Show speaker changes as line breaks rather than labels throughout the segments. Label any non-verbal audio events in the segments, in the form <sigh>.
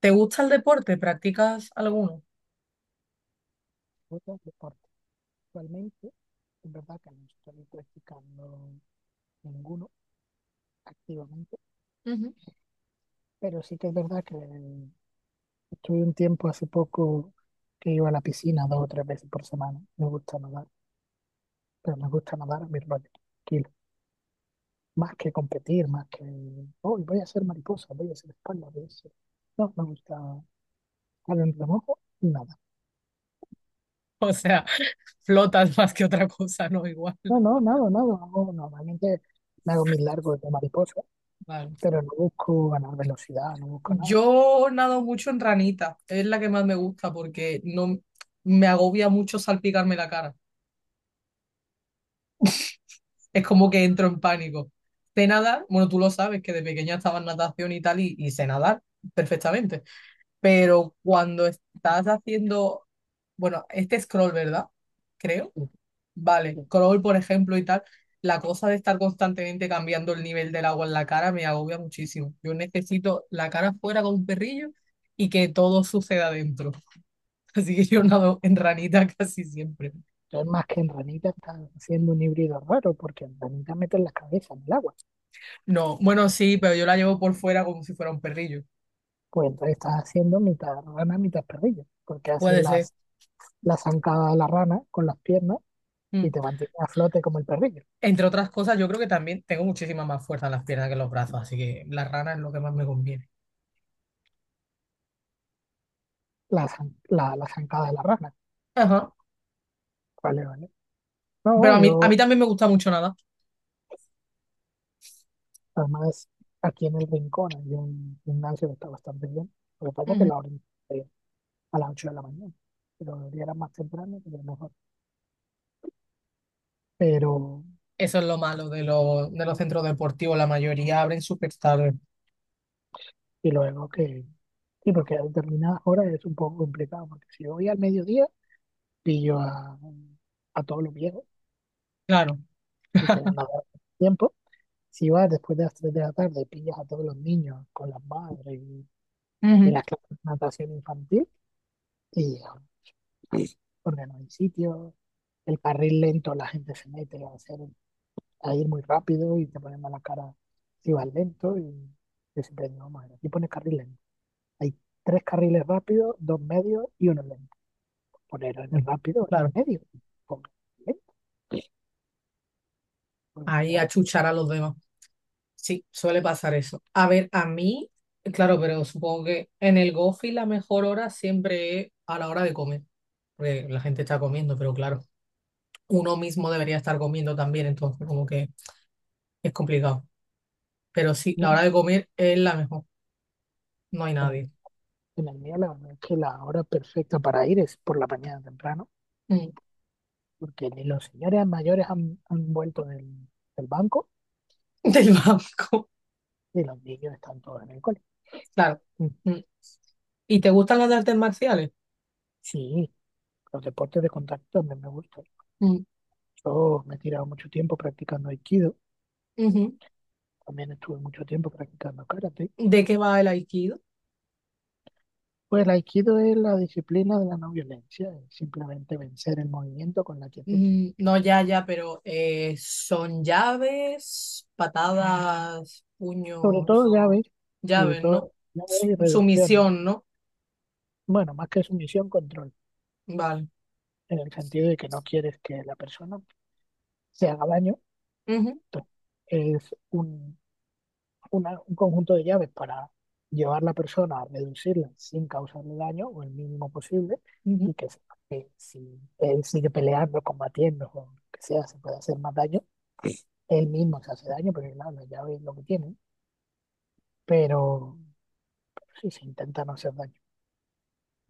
¿Te gusta el deporte? ¿Practicas alguno?
Otras deportes. Actualmente, es verdad que no estoy practicando ninguno activamente,
Ujú.
pero sí que es verdad que estuve un tiempo hace poco que iba a la piscina 2 o 3 veces por semana. Me gusta nadar, pero me gusta nadar a mi rollo, tranquilo. Más que competir, más que, hoy voy a ser mariposa, voy a ser espalda, voy a ser-". No, me gusta al remojo, nada.
O sea, <laughs> flotas más que otra cosa, ¿no? Igual.
No, no, nada, nada. Normalmente me hago mis largos de mariposa,
Vale.
pero no busco ganar velocidad, no busco nada.
Yo nado mucho en ranita, es la que más me gusta porque no me agobia mucho salpicarme la cara. Es como que entro en pánico. Sé nadar, bueno, tú lo sabes que de pequeña estaba en natación y tal, y sé nadar perfectamente. Pero cuando estás haciendo, bueno, este scroll, ¿verdad? Creo. Vale, crawl, por ejemplo, y tal. La cosa de estar constantemente cambiando el nivel del agua en la cara me agobia muchísimo. Yo necesito la cara fuera con un perrillo y que todo suceda dentro. <laughs> Así que yo nado en ranita <laughs> casi siempre.
Entonces, más que en ranita, estás haciendo un híbrido raro, porque en ranita meten la cabeza en el agua.
No, bueno, sí, pero yo la llevo por fuera como si fuera un perrillo.
Pues entonces estás haciendo mitad rana, mitad perrillo, porque haces
Puede ser.
las, la zancada de la rana con las piernas y
Mm.
te mantiene a flote como el perrillo.
Entre otras cosas, yo creo que también tengo muchísima más fuerza en las piernas que en los brazos, así que la rana es lo que más me conviene.
La zancada de la rana.
Ajá.
Vale, vale.
Pero
No,
a mí, a
yo,
mí también me gusta mucho nada.
además, aquí en el rincón hay un gimnasio que está bastante bien. Lo que pasa es que la orilla a las 8 de la mañana, pero debería era más temprano, pero mejor. Pero,
Eso es lo malo de los centros deportivos. La mayoría abren súper tarde.
y luego que, sí, porque a determinadas horas es un poco complicado, porque si voy al mediodía, pillo a todos los viejos
Claro.
que quieren nadar a tiempo. Si vas después de las 3 de la tarde, pillas a todos los niños con las madres y
Ujú.
las clases de natación infantil, y sí, porque no hay sitio, el carril lento, la gente se mete a hacer, a ir muy rápido y te ponen mala cara si vas lento y... Yo siempre digo, madre, aquí pone carril lento. Hay tres carriles rápidos, dos medios y uno lento. Poner en el
Mm,
rápido
claro.
en el medio. Ponlo en el lento, pues,
Ahí a
claro.
chuchar a los demás. Sí, suele pasar eso. A ver, a mí, claro, pero supongo que en el Gofi la mejor hora siempre es a la hora de comer. Porque la gente está comiendo, pero claro, uno mismo debería estar comiendo también, entonces como que es complicado. Pero sí,
No,
la hora de comer es la mejor. No hay
en el,
nadie.
en el mío la verdad es que la hora perfecta para ir es por la mañana temprano,
Mm.
porque ni los señores mayores han vuelto del, del banco
<laughs> Del banco.
y los niños están todos en el cole.
Claro.
Mm.
Mm. ¿Y te gustan las de artes marciales?
Sí, los deportes de contacto también me gustan.
Mm.
Yo me he tirado mucho tiempo practicando aikido,
Ujú.
también estuve mucho tiempo practicando karate.
¿De qué va el aikido?
Pues el aikido es la disciplina de la no violencia, es simplemente vencer el movimiento con la quietud.
Mm, no, ya, ya, pero son llaves, patadas,
Sobre
puños,
todo llaves, sobre
llaves, ¿no?
todo llaves y reducciones.
Sumisión, ¿no?
Bueno, más que sumisión, control,
Vale.
en el sentido de que no quieres que la persona se haga daño.
Ujú,
Entonces, es un, un conjunto de llaves para llevar la persona a reducirla sin causarle daño o el mínimo posible
ujú,
y que, sepa que si él sigue peleando, combatiendo o lo que sea, se puede hacer más daño. Él mismo se hace daño, pero claro, las llaves es lo que tiene. Pero sí se intenta no hacer daño.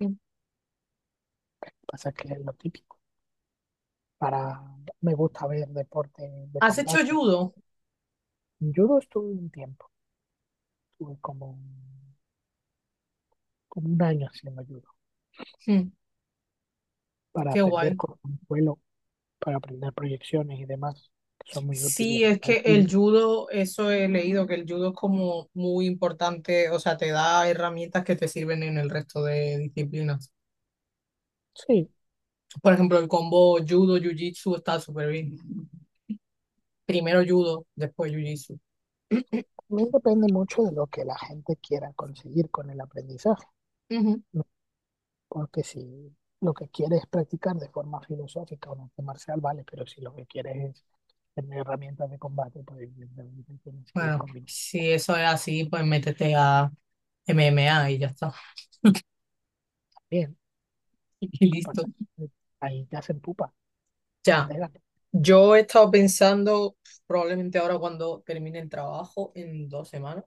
ujú.
Pasa que es lo típico. Para, me gusta ver deporte de
¿Has hecho
contacto.
judo?
Judo estuve un tiempo, estuve como, como 1 año haciendo judo
Mm,
para
qué
aprender
guay.
con un vuelo, para aprender proyecciones y demás, que son muy útiles
Sí, es
en el
que
judo.
el judo, eso he leído, que el judo es como muy importante, o sea, te da herramientas que te sirven en el resto de disciplinas.
Sí,
Por ejemplo, el combo judo, jiu-jitsu está súper bien. Primero judo, después jiu-jitsu. <clears throat>
también depende mucho de lo que la gente quiera conseguir con el aprendizaje.
Ujú.
Porque si lo que quieres es practicar de forma filosófica o un arte marcial, vale, pero si lo que quieres es tener herramientas de combate, pues evidentemente tienes que ir
Bueno,
combinando
si eso es así, pues métete a MMA y ya está. <laughs>
bien.
Y
¿Qué
listo.
pasa? Ahí te hacen pupa y te
Ya,
pegan.
yo he estado pensando, probablemente ahora cuando termine el trabajo, en dos semanas,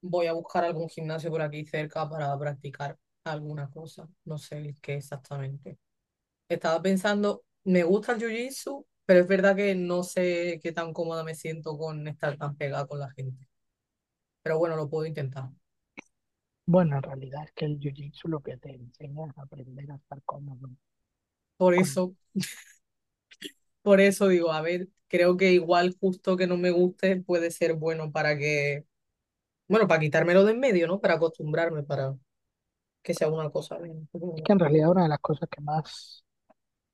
voy a buscar algún gimnasio por aquí cerca para practicar alguna cosa. No sé el qué exactamente. Estaba pensando, me gusta el jiu-jitsu, pero es verdad que no sé qué tan cómoda me siento con estar tan pegada con la gente. Pero bueno, lo puedo intentar.
Bueno, en realidad es que el jiu-jitsu lo que te enseña es aprender a estar cómodo.
Por
Con...
eso, por eso digo, a ver, creo que igual justo que no me guste puede ser bueno para que, bueno, para quitármelo de en medio, ¿no? Para acostumbrarme, para que sea una cosa bien.
Es
Ujú,
que en realidad una de las cosas que más,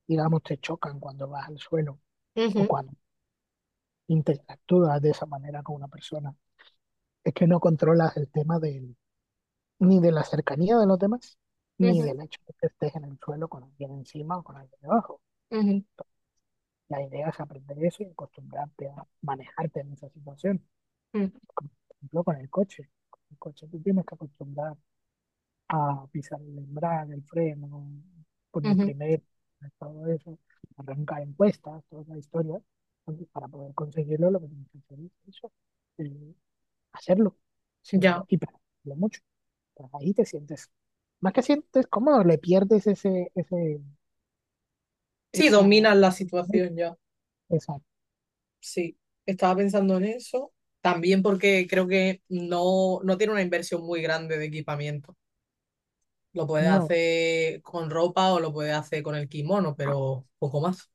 digamos, te chocan cuando vas al suelo o
ujú,
cuando interactúas de esa manera con una persona es que no controlas el tema del ni de la cercanía de los demás, ni del hecho de que estés en el suelo con alguien encima o con alguien debajo.
ujú,
La idea es aprender eso y acostumbrarte a manejarte en esa situación.
ujú,
Como, por ejemplo, con el coche. Con el coche tú tienes que acostumbrar a pisar el embrague, el freno, poner
ujú.
primero, todo eso, arrancar encuestas, toda la historia. Entonces, para poder conseguirlo, lo que tienes que hacer es eso, eh, hacerlo, si no lo,
Ya.
y practicarlo mucho. Ahí te sientes, más que sientes cómodo, le pierdes ese, ese,
Sí,
esa,
dominas la situación.
esa,
Sí, estaba pensando en eso. También porque creo que no tiene una inversión muy grande de equipamiento. Lo puedes
no,
hacer con ropa o lo puedes hacer con el kimono, pero poco más.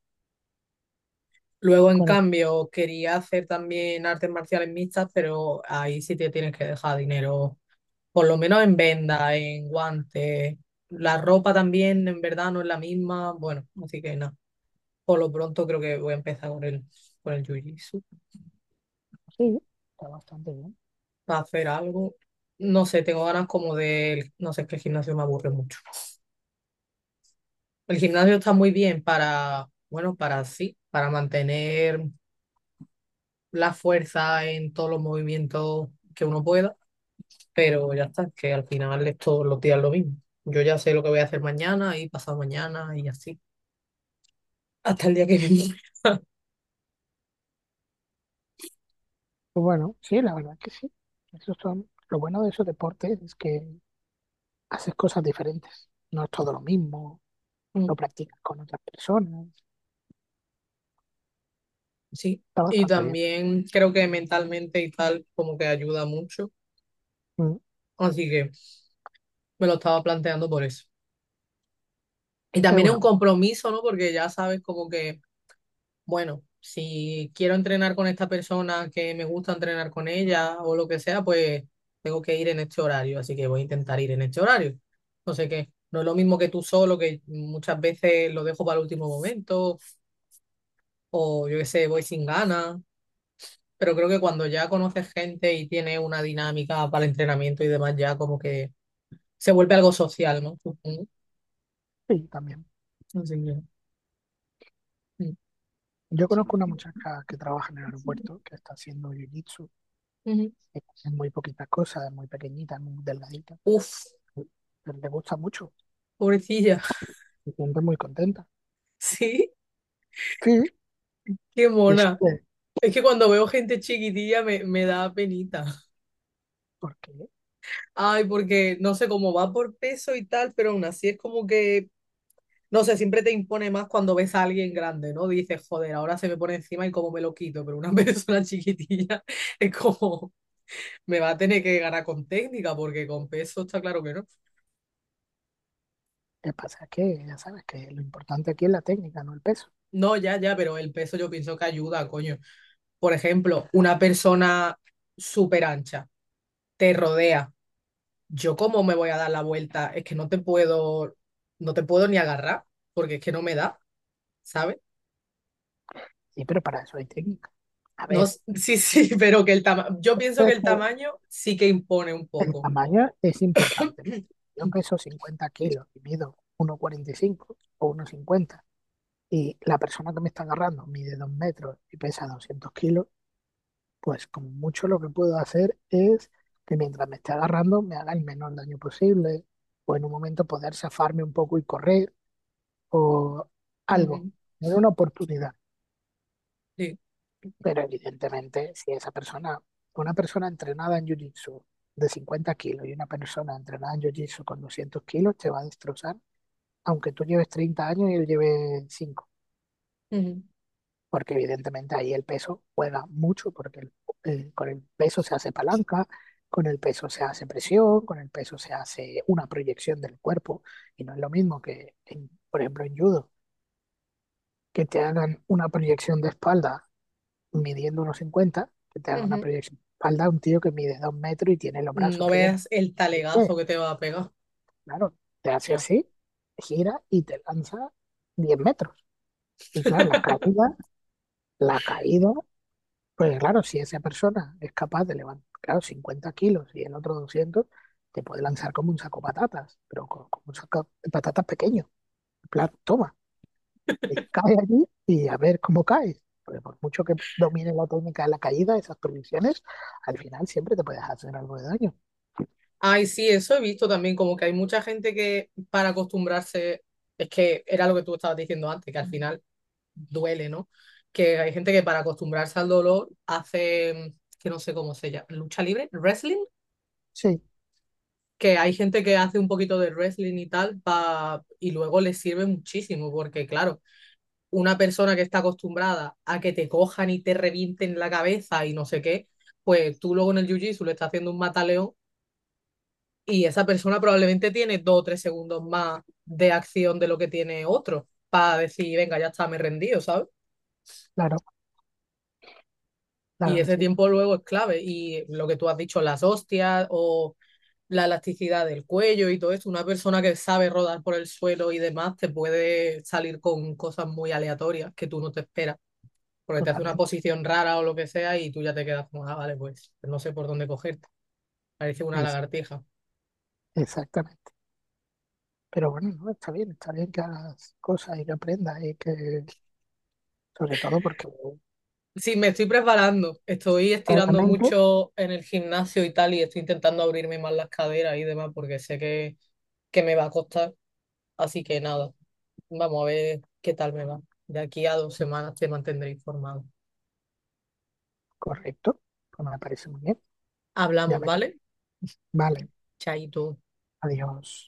Luego, en
con el,
cambio, quería hacer también artes marciales mixtas, pero ahí sí te tienes que dejar dinero, por lo menos en venda, en guantes. La ropa también, en verdad, no es la misma. Bueno, así que nada. Por lo pronto creo que voy a empezar con el jiu-jitsu.
sí, está bastante bien.
Para hacer algo. No sé, tengo ganas como de, no sé, es que el gimnasio me aburre mucho. El gimnasio está muy bien para, bueno, para sí, para mantener la fuerza en todos los movimientos que uno pueda, pero ya está, que al final es todos los días lo mismo. Yo ya sé lo que voy a hacer mañana y pasado mañana y así, hasta el día que viene. <laughs>
Pues bueno, sí, la verdad que sí. Eso son, lo bueno de esos deportes es que haces cosas diferentes, no es todo lo mismo, lo
Mm,
practicas con otras personas,
sí,
está
y
bastante bien.
también creo que mentalmente y tal como que ayuda mucho,
Mm.
así que me lo estaba planteando por eso. Y
Es
también es
una
un
buena,
compromiso, ¿no? Porque ya sabes como que, bueno, si quiero entrenar con esta persona que me gusta entrenar con ella o lo que sea, pues tengo que ir en este horario, así que voy a intentar ir en este horario. No sé qué, no es lo mismo que tú solo, que muchas veces lo dejo para el último momento o yo qué sé, voy sin ganas, pero creo que cuando ya conoces gente y tienes una dinámica para el entrenamiento y demás, ya como que se vuelve algo social, ¿no? Supongo.
sí, también.
Así que, mm.
Yo
Sí.
conozco una muchacha que trabaja en el aeropuerto, que está haciendo jiu-jitsu,
Ujú.
es muy poquitas cosas, es muy pequeñita, muy delgadita,
Uf.
pero le gusta mucho,
Pobrecilla,
se siente muy contenta.
<laughs> sí,
Sí,
qué
dice
mona.
que,
Es que cuando veo gente chiquitilla me da penita.
porque lo
Ay, porque no sé cómo va por peso y tal, pero aún así es como que, no sé, siempre te impone más cuando ves a alguien grande, ¿no? Dices, joder, ahora se me pone encima y cómo me lo quito, pero una <laughs> persona chiquitilla es como, me va a tener que ganar con técnica, porque con peso está claro que no.
que pasa es que ya sabes que lo importante aquí es la técnica, no el peso.
No, ya, ya, pero el peso yo pienso que ayuda, coño. Por ejemplo, una persona súper ancha te rodea, yo cómo me voy a dar la vuelta, es que no te puedo ni agarrar, porque es que no me da, ¿sabes?
Sí, pero para eso hay técnica. A
No,
ver,
sí, sí, <laughs> pero que el tamaño, yo pienso
de
que el
hecho,
tamaño sí que impone un
el
poco.
tamaño es importante.
<coughs>
Yo
<clears throat>
peso 50 kilos y mido 1,45 o uno cincuenta y la persona que me está agarrando mide 2 metros y pesa 200 kilos, pues como mucho lo que puedo hacer es que mientras me esté agarrando me haga el menor daño posible o en un momento poder zafarme un poco y correr o algo,
Ujú,
era una oportunidad.
sí,
Pero evidentemente, si esa persona, una persona entrenada en jiu-jitsu de 50 kilos y una persona entrenada en jiu-jitsu con 200 kilos, te va a destrozar, aunque tú lleves 30 años y él lleve cinco,
ujú,
porque evidentemente ahí el peso juega mucho, porque con el peso se hace palanca, con el peso se hace presión, con el peso se hace una proyección del cuerpo, y no es lo mismo que, en- por ejemplo, en judo, que te hagan una proyección de espalda midiendo unos 50 que te da una
ujú.
proyección de espalda, un tío que mide 2 metros y tiene los brazos
No
que le...
veas el
Pues,
talegazo que te va a pegar.
claro, te hace
Ya.
así, gira y te lanza 10 metros. Y claro, la caída, pues claro, si esa persona es capaz de levantar, claro, 50 kilos y el otro 200 te puede lanzar como un saco de patatas, pero como un saco de patatas pequeño. En plan, toma, cae allí y a ver cómo caes. Porque por mucho que domines la técnica de la caída, esas prohibiciones, al final siempre te puedes hacer algo de daño.
Ay, sí, eso he visto también, como que hay mucha gente que para acostumbrarse, es que era lo que tú estabas diciendo antes, que al final duele, ¿no? Que hay gente que para acostumbrarse al dolor hace, que no sé cómo se llama, lucha libre, wrestling,
Sí,
que hay gente que hace un poquito de wrestling y tal, y luego le sirve muchísimo, porque claro, una persona que está acostumbrada a que te cojan y te revienten la cabeza y no sé qué, pues tú luego en el jiu-jitsu le estás haciendo un mataleón y esa persona probablemente tiene 2 o 3 segundos más de acción de lo que tiene otro para decir, venga, ya está, me he rendido, ¿sabes?
claro,
Y
claro que
ese
sí,
tiempo luego es clave. Y lo que tú has dicho, las hostias o la elasticidad del cuello y todo eso, una persona que sabe rodar por el suelo y demás te puede salir con cosas muy aleatorias que tú no te esperas, porque te hace una
totalmente.
posición rara o lo que sea y tú ya te quedas como, ah, vale, pues no sé por dónde cogerte. Parece una
Es,
lagartija.
exactamente. Pero bueno, no, está bien que hagas cosas y que aprendas y que, sobre todo porque
Sí, me estoy preparando, estoy estirando
claramente,
mucho en el gimnasio y tal y estoy intentando abrirme más las caderas y demás porque sé que me va a costar, así que nada. Vamos a ver qué tal me va. De aquí a dos semanas te mantendré informado.
correcto, pues me parece muy bien. Ya
Hablamos,
me,
¿vale?
vale,
Chaito.
adiós.